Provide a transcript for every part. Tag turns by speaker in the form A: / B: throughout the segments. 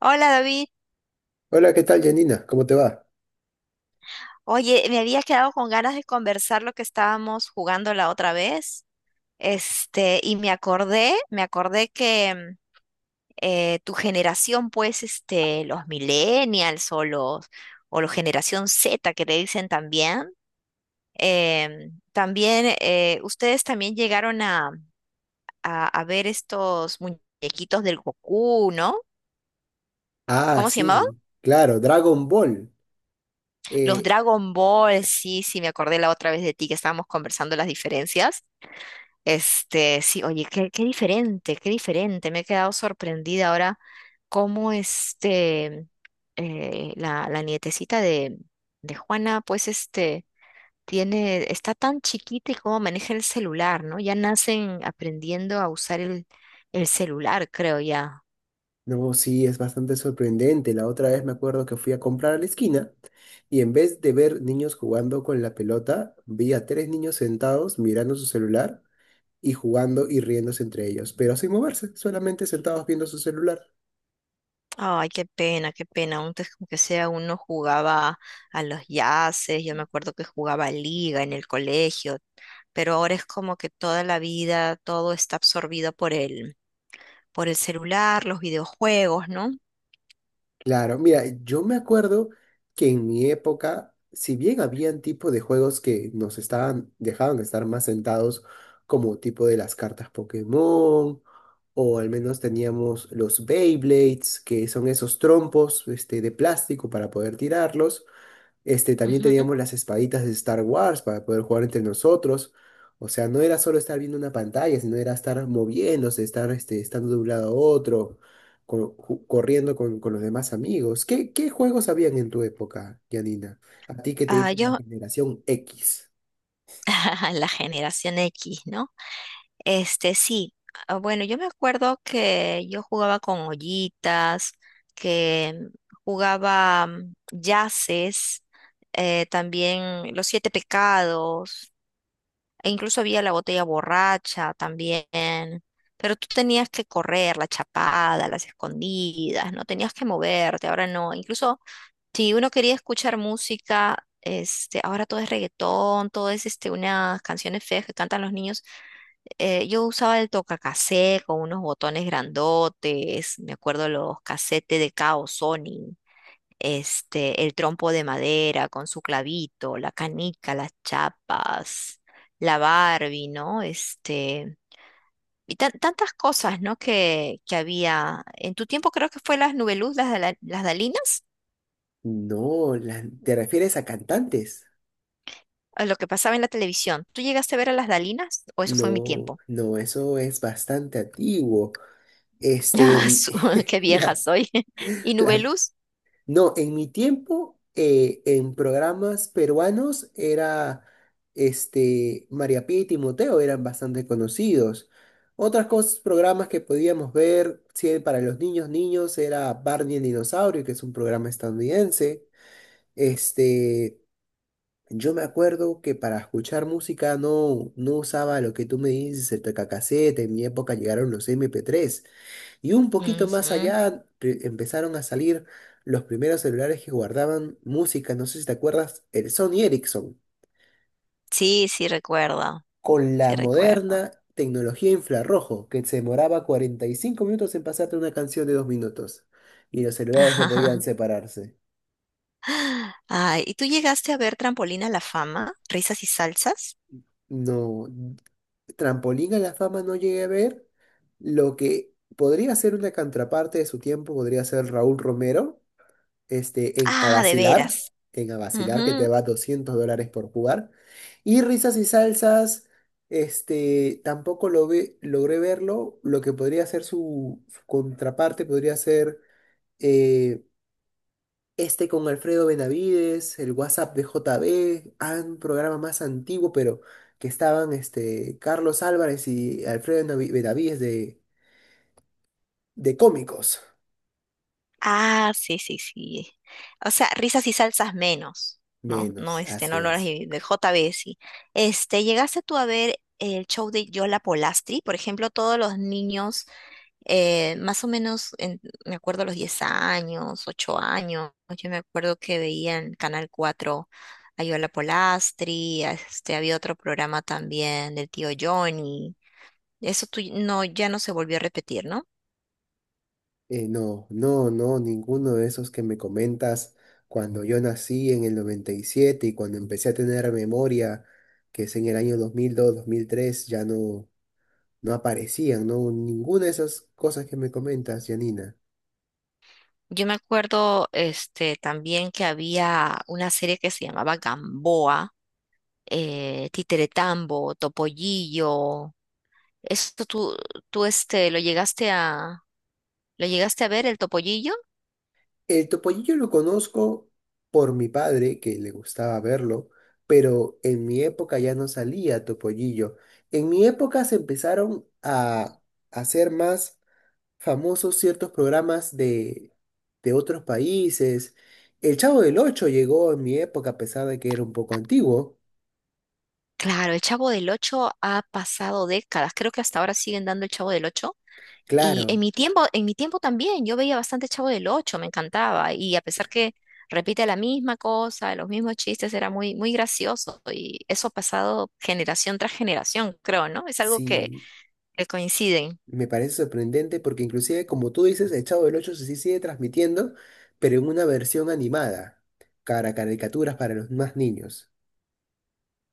A: Hola, David,
B: Hola, ¿qué tal, Janina? ¿Cómo te va?
A: oye, me había quedado con ganas de conversar lo que estábamos jugando la otra vez, este, y me acordé que tu generación, pues, este, los millennials o o la generación Z que le dicen también, también, ustedes también llegaron a ver estos muñequitos del Goku, ¿no?
B: Ah,
A: ¿Cómo se llamaban?
B: sí, claro, Dragon Ball.
A: Los
B: Eh,
A: Dragon Ball, sí, sí, me acordé la otra vez de ti que estábamos conversando las diferencias. Este, sí, oye, qué diferente, qué diferente. Me he quedado sorprendida ahora cómo este, la nietecita de Juana, pues este, está tan chiquita y cómo maneja el celular, ¿no? Ya nacen aprendiendo a usar el celular, creo ya.
B: no, sí, es bastante sorprendente. La otra vez me acuerdo que fui a comprar a la esquina y en vez de ver niños jugando con la pelota, vi a tres niños sentados mirando su celular y jugando y riéndose entre ellos, pero sin moverse, solamente sentados viendo su celular.
A: Ay, qué pena, qué pena. Antes, como que sea, uno jugaba a los yaces, yo me acuerdo que jugaba a liga en el colegio, pero ahora es como que toda la vida, todo está absorbido por el celular, los videojuegos, ¿no?
B: Claro, mira, yo me acuerdo que en mi época, si bien habían tipo de juegos que nos estaban, dejaban estar más sentados, como tipo de las cartas Pokémon, o al menos teníamos los Beyblades, que son esos trompos de plástico para poder tirarlos. También
A: Ujú.
B: teníamos las espaditas de Star Wars para poder jugar entre nosotros. O sea, no era solo estar viendo una pantalla, sino era estar moviéndose, estar estando de un lado a otro, corriendo con los demás amigos. ¿Qué juegos habían en tu época, Janina? A ti que te
A: Ah,
B: dicen la
A: yo,
B: generación X.
A: la generación X, ¿no? Este, sí. Ah, bueno, yo me acuerdo que yo jugaba con ollitas, que jugaba yaces, también los siete pecados, e incluso había la botella borracha también. Pero tú tenías que correr, la chapada, las escondidas, no tenías que moverte, ahora no. Incluso si uno quería escuchar música, este, ahora todo es reggaetón, todo es este, unas canciones feas que cantan los niños. Yo usaba el tocacassette con unos botones grandotes, me acuerdo los casetes de Kao Sony, este, el trompo de madera con su clavito, la canica, las chapas, la Barbie, ¿no? Este, y tantas cosas, ¿no? Que había. En tu tiempo creo que fue las Nubeluz, las Dalinas.
B: No, ¿te refieres a cantantes?
A: A lo que pasaba en la televisión. ¿Tú llegaste a ver a las Dalinas? ¿O eso fue en mi
B: No,
A: tiempo?
B: no, eso es bastante antiguo. Este,
A: Ah, qué vieja
B: la,
A: soy. ¿Y
B: la
A: Nubeluz?
B: No, en mi tiempo, en programas peruanos era María Pía y Timoteo eran bastante conocidos. Otras cosas, programas que podíamos ver, si para los niños, niños, era Barney el dinosaurio, que es un programa estadounidense. Este, yo me acuerdo que para escuchar música no usaba lo que tú me dices, el tocacasete. En mi época llegaron los MP3. Y un poquito más
A: Ujú.
B: allá empezaron a salir los primeros celulares que guardaban música, no sé si te acuerdas, el Sony Ericsson,
A: Sí, sí recuerdo,
B: con
A: sí
B: la
A: recuerdo.
B: moderna tecnología infrarrojo, que se demoraba 45 minutos en pasarte una canción de 2 minutos. Y los celulares no podían separarse.
A: Ay, ¿y tú llegaste a ver Trampolina a la fama? ¿Risas y salsas?
B: No, Trampolín a la fama no llegué a ver. Lo que podría ser una contraparte de su tiempo podría ser Raúl Romero en a
A: Ah, de
B: vacilar,
A: veras.
B: que te
A: Ujú.
B: va $200 por jugar. Y risas y salsas, tampoco logré verlo. Lo que podría ser su contraparte podría ser eh, con Alfredo Benavides, el WhatsApp de JB, ah, un programa más antiguo, pero que estaban Carlos Álvarez y Alfredo Benavides de cómicos.
A: Ah, sí, sí, sí. O sea, risas y salsas menos, ¿no? No,
B: Menos,
A: este,
B: así
A: no lo harás
B: es.
A: de JB, sí. Este, ¿llegaste tú a ver el show de Yola Polastri? Por ejemplo, todos los niños, más o menos, me acuerdo los 10 años, 8 años, yo me acuerdo que veía en Canal 4 a Yola Polastri, a este, había otro programa también del tío Johnny. Eso tú, no, ya no se volvió a repetir, ¿no?
B: No, no, no, ninguno de esos que me comentas cuando yo nací en el 97 y siete y cuando empecé a tener memoria, que es en el año 2002, 2003, ya no aparecían, no, ninguna de esas cosas que me comentas, Janina.
A: Yo me acuerdo este, también que había una serie que se llamaba Gamboa, Titeretambo, Topollillo. ¿Esto tú, este, lo llegaste a ver, el Topollillo?
B: El topollillo lo conozco por mi padre, que le gustaba verlo, pero en mi época ya no salía topollillo. En mi época se empezaron a hacer más famosos ciertos programas de otros países. El Chavo del Ocho llegó en mi época, a pesar de que era un poco antiguo.
A: Claro, el Chavo del Ocho ha pasado décadas. Creo que hasta ahora siguen dando el Chavo del Ocho. Y
B: Claro,
A: en mi tiempo también, yo veía bastante Chavo del Ocho, me encantaba. Y a pesar que repite la misma cosa, los mismos chistes, era muy, muy gracioso. Y eso ha pasado generación tras generación, creo, ¿no? Es algo que,
B: sí,
A: que coinciden.
B: me parece sorprendente porque inclusive, como tú dices, el Chavo del Ocho sí sigue transmitiendo, pero en una versión animada, cara caricaturas para los más niños.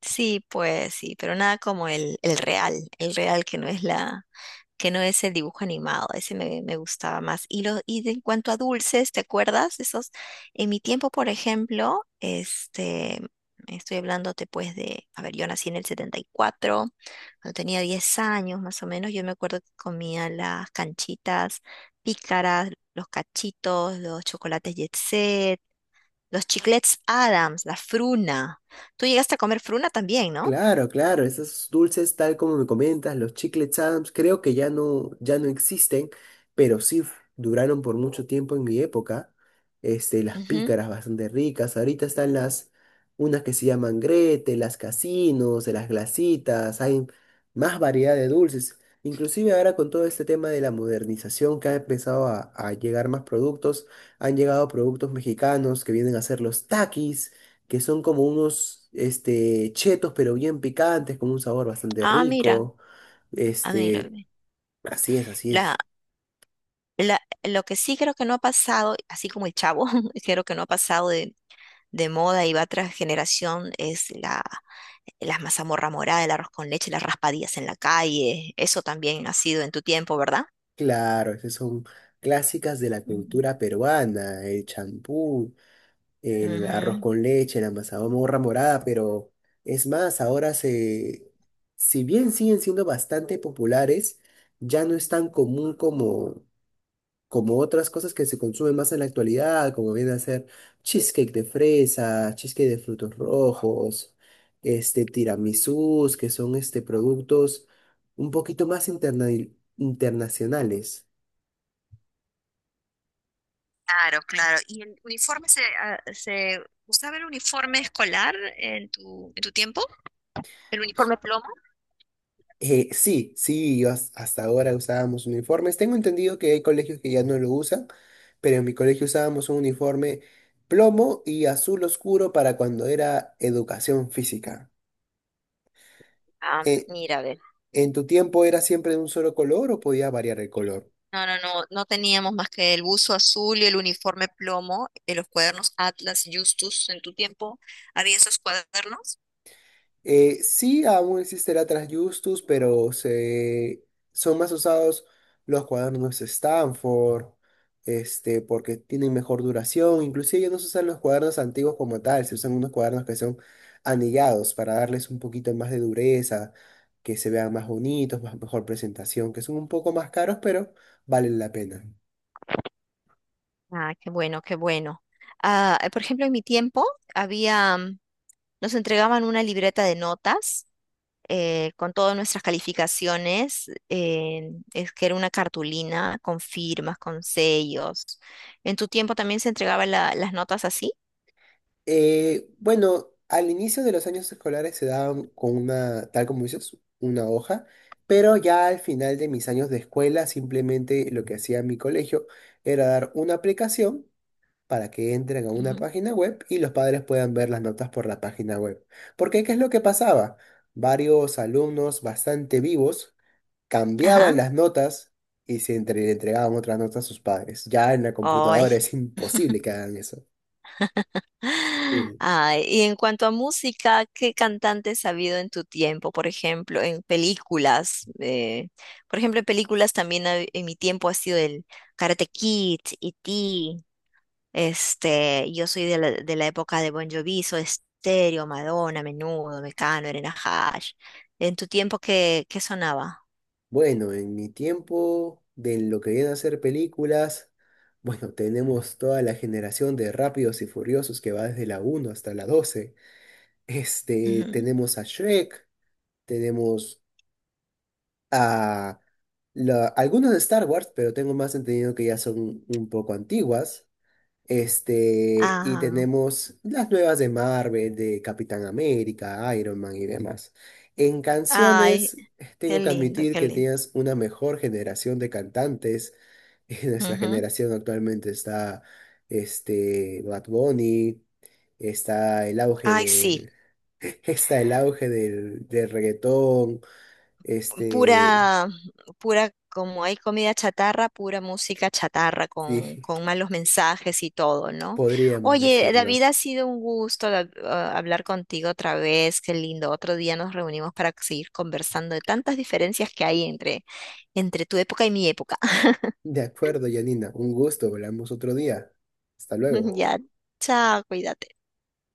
A: Sí, pues sí, pero nada como el real, el real que no es que no es el dibujo animado, ese me gustaba más. En cuanto a dulces, ¿te acuerdas? Esos, en mi tiempo, por ejemplo, este, estoy hablándote pues a ver, yo nací en el 74 cuando tenía 10 años más o menos, yo me acuerdo que comía las canchitas pícaras, los cachitos, los chocolates Jet Set, los chiclets Adams, la fruna. Tú llegaste a comer fruna también, ¿no?
B: Claro, claro, esos dulces, tal como me comentas, los chiclets Adams, creo que ya no existen, pero sí duraron por mucho tiempo en mi época. Las
A: Ujú.
B: pícaras bastante ricas. Ahorita están unas que se llaman Grete, las casinos, las glacitas, hay más variedad de dulces. Inclusive ahora con todo este tema de la modernización que ha empezado a llegar más productos, han llegado productos mexicanos que vienen a ser los taquis que son como unos chetos, pero bien picantes, con un sabor bastante
A: Ah, mira,
B: rico.
A: ah, mira.
B: Este, así es, así es.
A: Lo que sí creo que no ha pasado, así como el Chavo, creo que no ha pasado de moda y va tras generación, es la mazamorra morada, el arroz con leche, las raspadillas en la calle. Eso también ha sido en tu tiempo, ¿verdad?
B: Claro, esas son clásicas de la
A: Ujú.
B: cultura peruana, el champú, el arroz
A: Ujú.
B: con leche, la mazamorra morada, pero es más, ahora si bien siguen siendo bastante populares, ya no es tan común como otras cosas que se consumen más en la actualidad, como viene a ser cheesecake de fresa, cheesecake de frutos rojos, tiramisús, que son productos un poquito internacionales.
A: Claro, claro. ¿Y el uniforme se usaba el uniforme escolar en tu tiempo? ¿El uniforme plomo?
B: Sí, sí, yo hasta ahora usábamos uniformes. Tengo entendido que hay colegios que ya no lo usan, pero en mi colegio usábamos un uniforme plomo y azul oscuro para cuando era educación física.
A: Ah,
B: Eh,
A: mira, ve.
B: ¿en tu tiempo era siempre de un solo color o podía variar el color?
A: No, no, no, no teníamos más que el buzo azul y el uniforme plomo, los cuadernos Atlas, Justus, en tu tiempo, ¿había esos cuadernos?
B: Sí, aún existe la Trasjustus, pero son más usados los cuadernos Stanford, porque tienen mejor duración. Inclusive ya no se usan los cuadernos antiguos como tal, se usan unos cuadernos que son anillados para darles un poquito más de dureza, que se vean más bonitos, mejor presentación, que son un poco más caros, pero valen la pena.
A: Ah, qué bueno, qué bueno. Ah, por ejemplo, en mi tiempo había, nos entregaban una libreta de notas, con todas nuestras calificaciones, es que era una cartulina con firmas, con sellos. ¿En tu tiempo también se entregaban las notas así?
B: Bueno, al inicio de los años escolares se daban con una, tal como dices, una hoja, pero ya al final de mis años de escuela simplemente lo que hacía mi colegio era dar una aplicación para que entren a una
A: Ujú.
B: página web y los padres puedan ver las notas por la página web. Porque, ¿qué es lo que pasaba? Varios alumnos bastante vivos
A: Ajá.
B: cambiaban las notas y le entregaban otras notas a sus padres. Ya en la
A: Ay,
B: computadora es imposible que hagan eso. Sí.
A: ay, y en cuanto a música, ¿qué cantantes ha habido en tu tiempo? Por ejemplo, en películas. Por ejemplo, en películas también en mi tiempo ha sido el Karate Kid, E.T. Este, yo soy de la época de Bon Jovi, Soda Stereo, Madonna, Menudo, Mecano, Irene Hash. ¿En tu tiempo qué sonaba?
B: Bueno, en mi tiempo de lo que viene a ser películas, bueno, tenemos toda la generación de Rápidos y Furiosos que va desde la uno hasta la 12. Este,
A: Ujú.
B: tenemos a Shrek, tenemos a algunos de Star Wars, pero tengo más entendido que ya son un poco antiguas. Y
A: Ah,
B: tenemos las nuevas de Marvel, de Capitán América, Iron Man y demás. En
A: ay,
B: canciones,
A: qué
B: tengo que
A: lindo,
B: admitir
A: qué
B: que
A: lindo.
B: tienes una mejor generación de cantantes. Nuestra
A: Ujú.
B: generación actualmente está Bad Bunny, está el auge
A: Ay, sí.
B: del, está el auge del reggaetón. Este,
A: Pura, pura, como hay comida chatarra, pura música chatarra con,
B: sí,
A: con malos mensajes y todo, ¿no?
B: podríamos
A: Oye,
B: decirlo.
A: David, ha sido un gusto hablar contigo otra vez, qué lindo. Otro día nos reunimos para seguir conversando de tantas diferencias que hay entre tu época y mi época.
B: De acuerdo, Janina, un gusto, hablamos otro día. Hasta luego.
A: Ya, chao, cuídate.